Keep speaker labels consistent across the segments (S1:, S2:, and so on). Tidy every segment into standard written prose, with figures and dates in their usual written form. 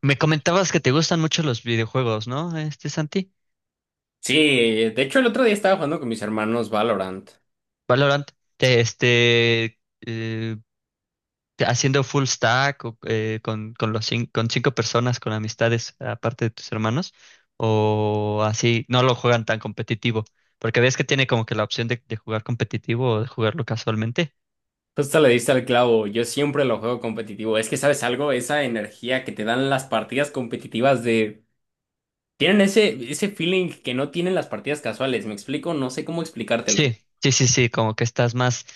S1: Me comentabas que te gustan mucho los videojuegos, ¿no? Santi,
S2: Sí, de hecho el otro día estaba jugando con mis hermanos Valorant.
S1: Valorant. Te- este, eh, Haciendo full stack o, con con cinco personas, con amistades, aparte de tus hermanos, o así. No lo juegan tan competitivo, porque ves que tiene como que la opción de jugar competitivo o de jugarlo casualmente.
S2: Justo le diste al clavo, yo siempre lo juego competitivo. Es que, ¿sabes algo? Esa energía que te dan las partidas competitivas de. Tienen ese feeling que no tienen las partidas casuales, ¿me explico? No sé cómo explicártelo.
S1: Sí, sí, sí, sí, como que estás más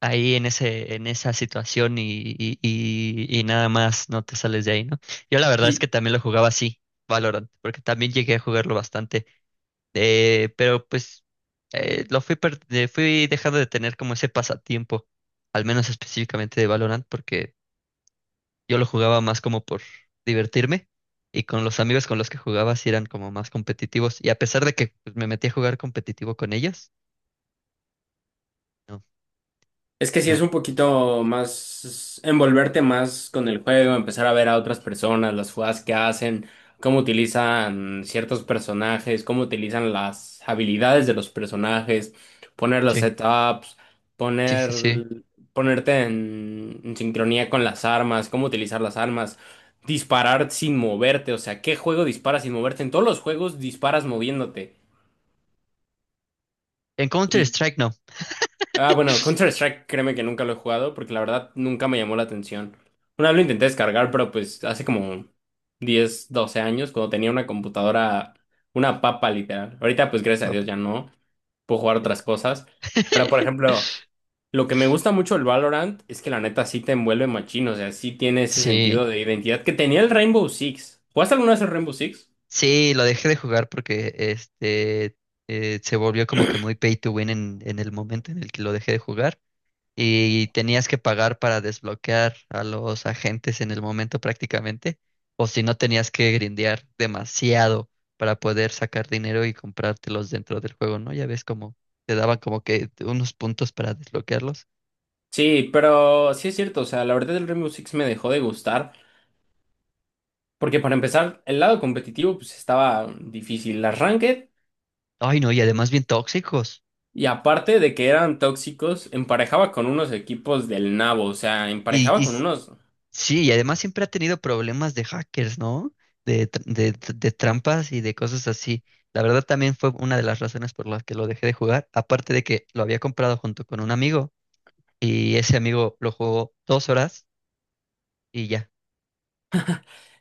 S1: ahí en ese, en esa situación, y nada más no te sales de ahí, ¿no? Yo la verdad es que
S2: Y
S1: también lo jugaba así, Valorant, porque también llegué a jugarlo bastante, pero pues fui dejando de tener como ese pasatiempo, al menos específicamente de Valorant, porque yo lo jugaba más como por divertirme. Y con los amigos con los que jugaba sí eran como más competitivos. Y a pesar de que, pues, me metí a jugar competitivo con ellos, no,
S2: Es que sí
S1: no,
S2: es un poquito más envolverte más con el juego, empezar a ver a otras personas, las jugadas que hacen, cómo utilizan ciertos personajes, cómo utilizan las habilidades de los personajes, poner los
S1: sí,
S2: setups,
S1: sí, sí,
S2: poner,
S1: sí.
S2: ponerte en sincronía con las armas, cómo utilizar las armas, disparar sin moverte, o sea, ¿qué juego disparas sin moverte? En todos los juegos disparas moviéndote.
S1: En Counter-Strike
S2: Ah, bueno, Counter-Strike, créeme que nunca lo he jugado porque la verdad nunca me llamó la atención. Una vez lo intenté descargar, pero pues hace como 10, 12 años, cuando tenía una computadora, una papa literal. Ahorita pues gracias a
S1: no.
S2: Dios ya no, puedo jugar otras cosas. Pero por ejemplo, lo que me gusta mucho del Valorant es que la neta sí te envuelve machín, o sea, sí tiene ese sentido
S1: Sí,
S2: de identidad que tenía el Rainbow Six. ¿Jugaste alguna vez el Rainbow Six?
S1: sí, lo dejé de jugar porque se volvió como que muy pay to win en el momento en el que lo dejé de jugar, y tenías que pagar para desbloquear a los agentes en el momento prácticamente, o si no tenías que grindear demasiado para poder sacar dinero y comprártelos dentro del juego, ¿no? Ya ves como te daban como que unos puntos para desbloquearlos.
S2: Sí, pero sí es cierto, o sea, la verdad el Rainbow Six me dejó de gustar. Porque para empezar, el lado competitivo pues estaba difícil. Las ranked,
S1: Ay, no, y además bien tóxicos.
S2: y aparte de que eran tóxicos, emparejaba con unos equipos del nabo, o sea,
S1: Y,
S2: emparejaba
S1: y
S2: con unos.
S1: Sí, y además siempre ha tenido problemas de hackers, ¿no? De trampas y de cosas así. La verdad también fue una de las razones por las que lo dejé de jugar, aparte de que lo había comprado junto con un amigo, y ese amigo lo jugó 2 horas y ya.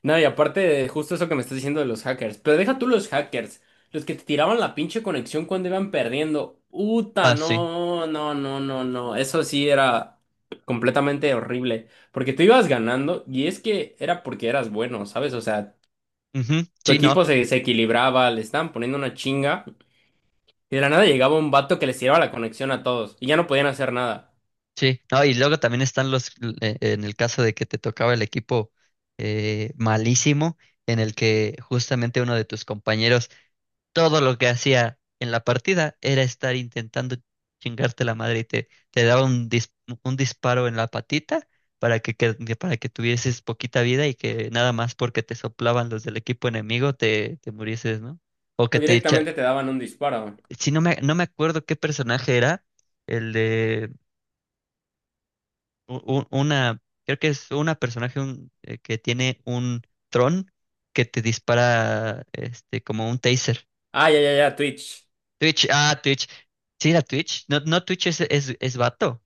S2: No, y aparte de justo eso que me estás diciendo de los hackers, pero deja tú los hackers, los que te tiraban la pinche conexión cuando iban perdiendo. Uta,
S1: Ah, sí.
S2: no, no, no, no, no, eso sí era completamente horrible, porque tú ibas ganando y es que era porque eras bueno, ¿sabes? O sea,
S1: Ujú,
S2: tu
S1: sí, no,
S2: equipo se equilibraba, le estaban poniendo una chinga. Y de la nada llegaba un vato que les tiraba la conexión a todos y ya no podían hacer nada.
S1: sí. No, y luego también están en el caso de que te tocaba el equipo malísimo, en el que justamente uno de tus compañeros todo lo que hacía en la partida era estar intentando chingarte la madre, y te daba un disparo en la patita para para que tuvieses poquita vida, y que nada más porque te soplaban los del equipo enemigo te murieses, ¿no? O
S2: O
S1: que te echa...
S2: directamente te daban un disparo.
S1: Si no no me acuerdo qué personaje era, el de u- una... Creo que es una personaje que tiene un tron que te dispara, como un taser.
S2: Ah, ya, ya, ya, Twitch.
S1: Twitch, ah, Twitch. Sí, era Twitch. No, no, Twitch es vato.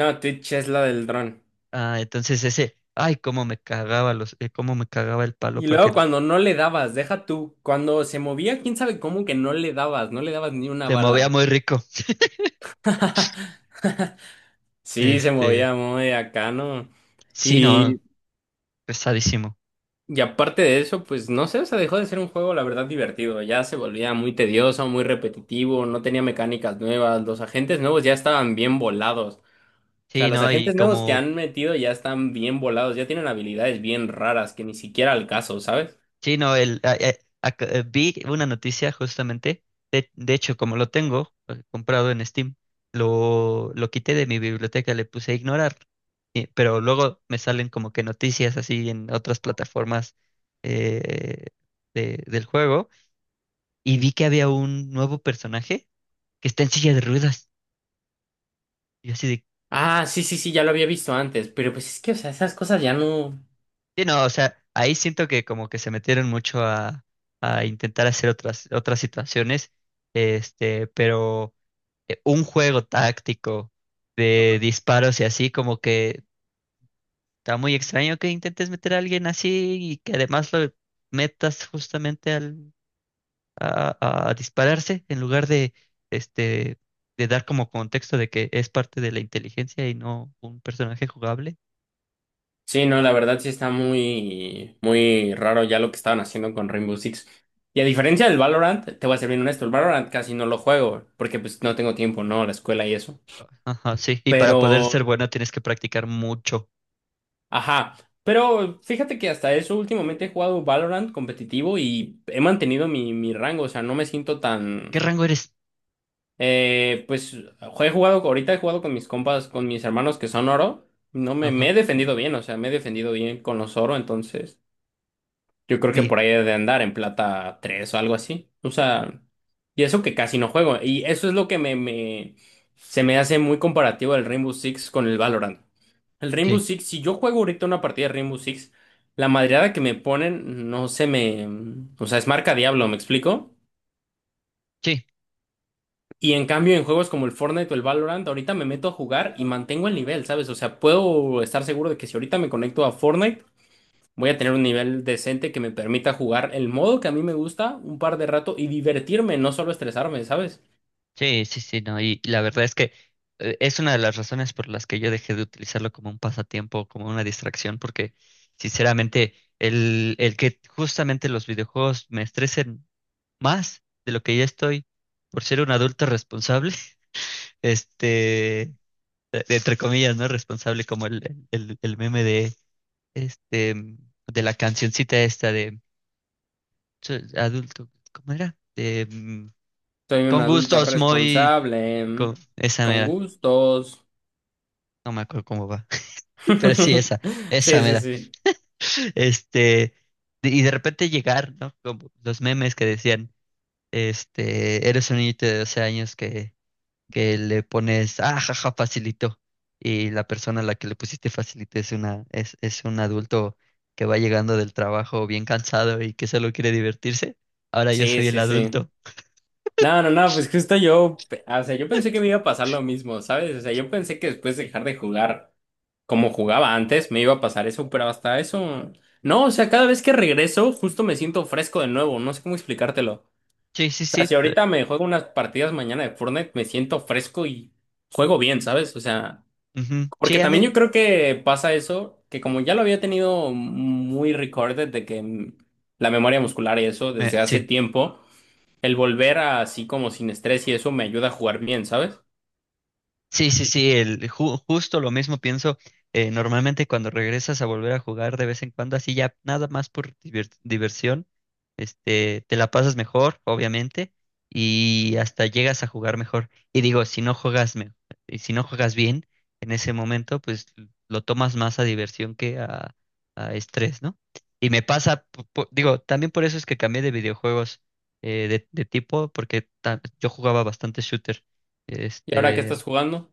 S2: No, Twitch es la del dron.
S1: Ah, entonces ese, ay, cómo me cagaba cómo me cagaba el palo,
S2: Y
S1: porque
S2: luego cuando no le dabas, deja tú. Cuando se movía, quién sabe cómo que no le dabas, no le dabas ni una
S1: se movía
S2: bala.
S1: muy rico.
S2: Sí, se
S1: Este,
S2: movía muy acá, ¿no?
S1: sí, no,
S2: Y,
S1: pesadísimo.
S2: y aparte de eso, pues no sé, o sea, dejó de ser un juego, la verdad, divertido. Ya se volvía muy tedioso, muy repetitivo, no tenía mecánicas nuevas, los agentes nuevos ya estaban bien volados. O sea,
S1: Sí,
S2: los
S1: no, y
S2: agentes nuevos que
S1: como,
S2: han metido ya están bien volados, ya tienen habilidades bien raras que ni siquiera al caso, ¿sabes?
S1: sí, no, vi una noticia justamente, de hecho, como lo tengo, comprado en Steam, lo quité de mi biblioteca, le puse a ignorar, pero luego me salen como que noticias así en otras plataformas, eh, del juego, y vi que había un nuevo personaje que está en silla de ruedas. Y yo así de,
S2: Ah, sí, sí, sí, ya lo había visto antes, pero pues es que, o sea, esas cosas ya no.
S1: sí, no, o sea, ahí siento que como que se metieron mucho a intentar hacer otras, otras situaciones, pero un juego táctico de disparos, y así como que está muy extraño que intentes meter a alguien así, y que además lo metas justamente al a dispararse en lugar de, este, de dar como contexto de que es parte de la inteligencia y no un personaje jugable.
S2: Sí, no, la verdad sí está muy, muy raro ya lo que estaban haciendo con Rainbow Six. Y a diferencia del Valorant, te voy a ser bien honesto, el Valorant casi no lo juego, porque pues no tengo tiempo, ¿no? La escuela y eso.
S1: Ajá, sí. Y
S2: Pero,
S1: para poder ser bueno tienes que practicar mucho.
S2: ajá. Pero fíjate que hasta eso últimamente he jugado Valorant competitivo y he mantenido mi rango, o sea, no me siento tan.
S1: ¿Qué rango eres?
S2: Pues he jugado, ahorita he jugado con mis compas, con mis hermanos que son oro. No, me,
S1: Ajá.
S2: me he defendido bien, o sea, me he defendido bien con los oro, entonces yo creo que
S1: Mi.
S2: por ahí he de andar en plata 3 o algo así. O sea, y eso que casi no juego. Y eso es lo que me se me hace muy comparativo el Rainbow Six con el Valorant. El Rainbow
S1: Sí,
S2: Six, si yo juego ahorita una partida de Rainbow Six, la madreada que me ponen no se me, o sea, es marca diablo, ¿me explico?
S1: sí,
S2: Y en cambio, en juegos como el Fortnite o el Valorant, ahorita me meto a jugar y mantengo el nivel, ¿sabes? O sea, puedo estar seguro de que si ahorita me conecto a Fortnite, voy a tener un nivel decente que me permita jugar el modo que a mí me gusta un par de rato y divertirme, no solo estresarme, ¿sabes?
S1: sí, sí, sí, no. Y la verdad es que, es una de las razones por las que yo dejé de utilizarlo como un pasatiempo, como una distracción, porque sinceramente el que justamente los videojuegos me estresen más de lo que ya estoy por ser un adulto responsable, este, entre comillas, ¿no? Responsable como el meme de, este, de la cancioncita esta de: "Soy adulto, ¿cómo era? De,
S2: Soy un
S1: con
S2: adulto
S1: gustos muy,
S2: responsable,
S1: con, esa
S2: con
S1: mera,
S2: gustos.
S1: no me acuerdo cómo va". Pero sí, esa,
S2: Sí,
S1: esa
S2: sí,
S1: mera,
S2: sí.
S1: este, y de repente llegar, ¿no? Como los memes que decían, eres un niñito de 12 años que le pones, "ah, jaja, facilito", y la persona a la que le pusiste facilito es es un adulto que va llegando del trabajo bien cansado y que solo quiere divertirse. Ahora yo
S2: Sí,
S1: soy el
S2: sí, sí.
S1: adulto.
S2: No, no, no, pues justo yo, o sea, yo pensé que me iba a pasar lo mismo, ¿sabes? O sea, yo pensé que después de dejar de jugar como jugaba antes, me iba a pasar eso, pero hasta eso, no, o sea, cada vez que regreso, justo me siento fresco de nuevo, no sé cómo explicártelo. O
S1: Sí, sí,
S2: sea, si
S1: sí.
S2: ahorita me juego unas partidas mañana de Fortnite, me siento fresco y juego bien, ¿sabes? O sea,
S1: Ujú,
S2: porque
S1: sí, a
S2: también
S1: mí.
S2: yo creo que pasa eso, que como ya lo había tenido muy recorded de que la memoria muscular y eso desde hace
S1: Sí.
S2: tiempo. El volver a así como sin estrés y eso me ayuda a jugar bien, ¿sabes?
S1: Sí, sí, sí, justo lo mismo pienso. Normalmente cuando regresas a volver a jugar de vez en cuando, así, ya nada más por diversión, te la pasas mejor, obviamente, y hasta llegas a jugar mejor. Y digo, y si no juegas bien en ese momento, pues lo tomas más a diversión que a estrés, ¿no? Y me pasa, digo, también por eso es que cambié de videojuegos, de tipo, porque yo jugaba bastante shooter.
S2: ¿Y ahora qué
S1: Este,
S2: estás jugando?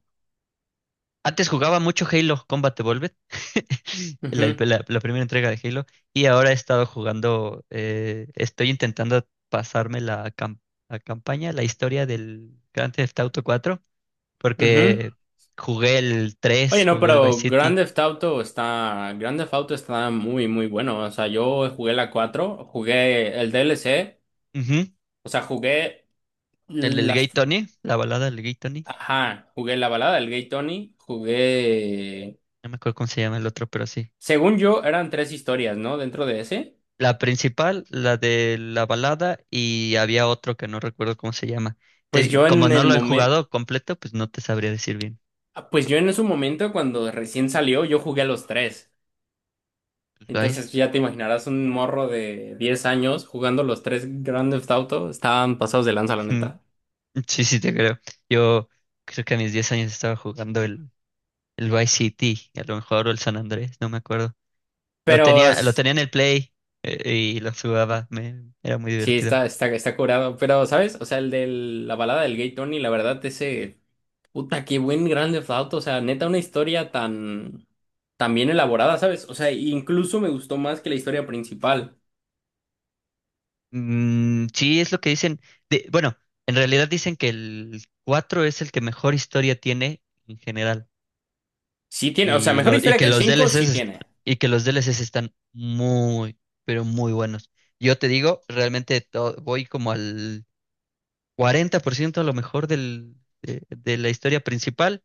S1: antes jugaba mucho Halo Combat Evolved, la,
S2: Ujú,
S1: la primera entrega de Halo, y ahora he estado jugando. Estoy intentando pasarme la, la campaña, la historia del Grand Theft Auto 4,
S2: ujú.
S1: porque jugué el
S2: Oye,
S1: 3,
S2: no,
S1: jugué el Vice
S2: pero
S1: City,
S2: Grand Theft Auto está muy, muy bueno. O sea, yo jugué la 4, jugué el DLC,
S1: ujú,
S2: o sea, jugué
S1: el del Gay
S2: las,
S1: Tony, la balada del Gay Tony.
S2: ajá, jugué la balada del Gay Tony,
S1: No me acuerdo cómo se llama el otro, pero sí.
S2: según yo, eran tres historias, ¿no? Dentro de ese.
S1: La principal, la de la balada, y había otro que no recuerdo cómo se llama.
S2: Pues
S1: Te-
S2: yo
S1: como
S2: en
S1: no
S2: el
S1: lo he
S2: momento,
S1: jugado completo, pues no te sabría decir.
S2: pues yo en ese momento cuando recién salió, yo jugué a los tres.
S1: Ay,
S2: Entonces ya te imaginarás un morro de 10 años jugando los tres Grand Theft Auto. Estaban pasados de lanza, la
S1: mm,
S2: neta.
S1: sí, sí, te creo. Yo creo que a mis 10 años estaba jugando el Vice City, a lo mejor, o el San Andrés, no me acuerdo.
S2: Pero
S1: Lo tenía en el Play, y lo jugaba, era muy
S2: sí,
S1: divertido.
S2: está curado. Pero, ¿sabes? O sea, el de la balada del Gay Tony, la verdad, ese. Puta, qué buen Grand Theft Auto. O sea, neta, una historia tan bien elaborada, ¿sabes? O sea, incluso me gustó más que la historia principal.
S1: Mm, sí, es lo que dicen. Bueno, en realidad dicen que el 4 es el que mejor historia tiene en general.
S2: Sí tiene, o sea,
S1: Y,
S2: mejor
S1: lo, y
S2: historia
S1: que
S2: que el
S1: los
S2: 5
S1: DLCs,
S2: sí tiene.
S1: y que los DLCs están muy, pero muy buenos. Yo te digo, realmente voy como al 40% a lo mejor de la historia principal.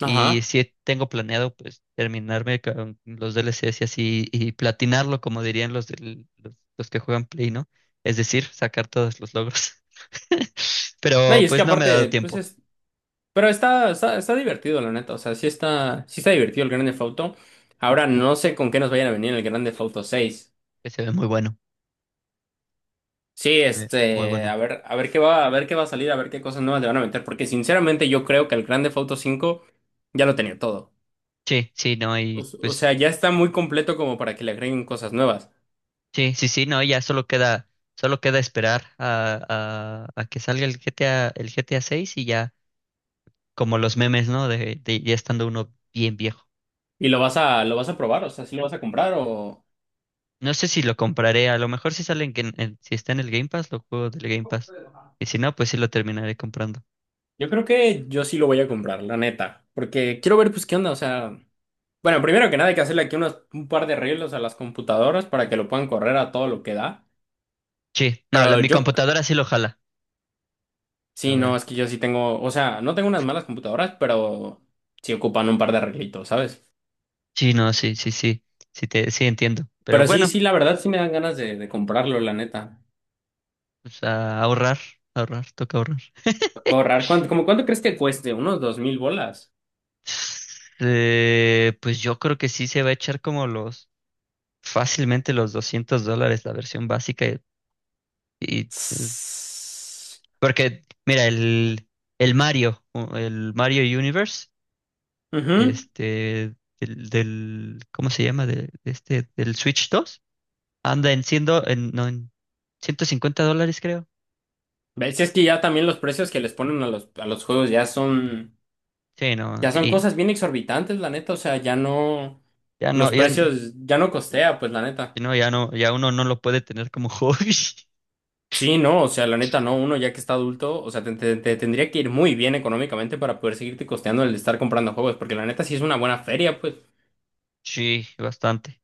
S1: Y
S2: Ajá.
S1: si tengo planeado, pues, terminarme con los DLCs y así, y platinarlo, como dirían los que juegan Play, ¿no? Es decir, sacar todos los logros.
S2: No, y
S1: Pero
S2: es que
S1: pues no me ha dado
S2: aparte, pues
S1: tiempo.
S2: es pero está, está divertido, la neta. O sea, sí está divertido el Grand Theft Auto. Ahora no sé con qué nos vayan a venir en el Grand Theft Auto 6.
S1: Que se ve muy bueno.
S2: Sí,
S1: Se ve muy
S2: este,
S1: bueno.
S2: a ver, a ver qué va a salir, a ver qué cosas nuevas le van a meter. Porque sinceramente yo creo que el Grand Theft Auto 5 ya lo tenía todo.
S1: Sí, sí, no.
S2: O,
S1: Y
S2: s- o sea,
S1: pues,
S2: ya está muy completo como para que le agreguen cosas nuevas.
S1: sí, sí, sí, no, ya solo queda esperar a que salga el GTA 6, y ya como los memes, ¿no? De ya estando uno bien viejo.
S2: Y lo vas a probar, o sea, sí lo vas a comprar o.
S1: No sé si lo compraré. A lo mejor si salen, si está en el Game Pass, lo juego del Game Pass. Y si no, pues sí lo terminaré comprando.
S2: Yo creo que yo sí lo voy a comprar, la neta. Porque quiero ver, pues, qué onda, o sea. Bueno, primero que nada hay que hacerle aquí un par de arreglos a las computadoras para que lo puedan correr a todo lo que da.
S1: Sí, no,
S2: Pero
S1: mi
S2: yo,
S1: computadora sí lo jala. A
S2: sí, no,
S1: ver.
S2: es que yo sí tengo, o sea, no tengo unas malas computadoras, pero sí ocupan un par de arreglitos, ¿sabes?
S1: Sí, no, sí, sí, sí, sí, sí entiendo. Pero
S2: Pero sí,
S1: bueno,
S2: sí, la verdad sí me dan ganas de comprarlo, la neta.
S1: pues a ahorrar, ahorrar, toca ahorrar.
S2: Correr, como cuánto crees que cueste? ¿Unos 2000 bolas?
S1: Pues yo creo que sí se va a echar como fácilmente los $200 la versión básica. Y
S2: Tss.
S1: Porque, mira, el Mario, o el Mario Universe,
S2: Ujú.
S1: ¿cómo se llama? Del Switch dos, anda en $150, creo.
S2: ¿Ves? Si es que ya también los precios que les ponen a los juegos ya son.
S1: Sí, no,
S2: Ya son
S1: y
S2: cosas bien exorbitantes, la neta, o sea, ya no,
S1: ya no,
S2: los precios ya no costea, pues la neta.
S1: no, ya no, ya uno no lo puede tener como hobby.
S2: Sí, no, o sea, la neta no, uno ya que está adulto, o sea, te tendría que ir muy bien económicamente para poder seguirte costeando el estar comprando juegos, porque la neta sí es una buena feria, pues.
S1: Sí, bastante.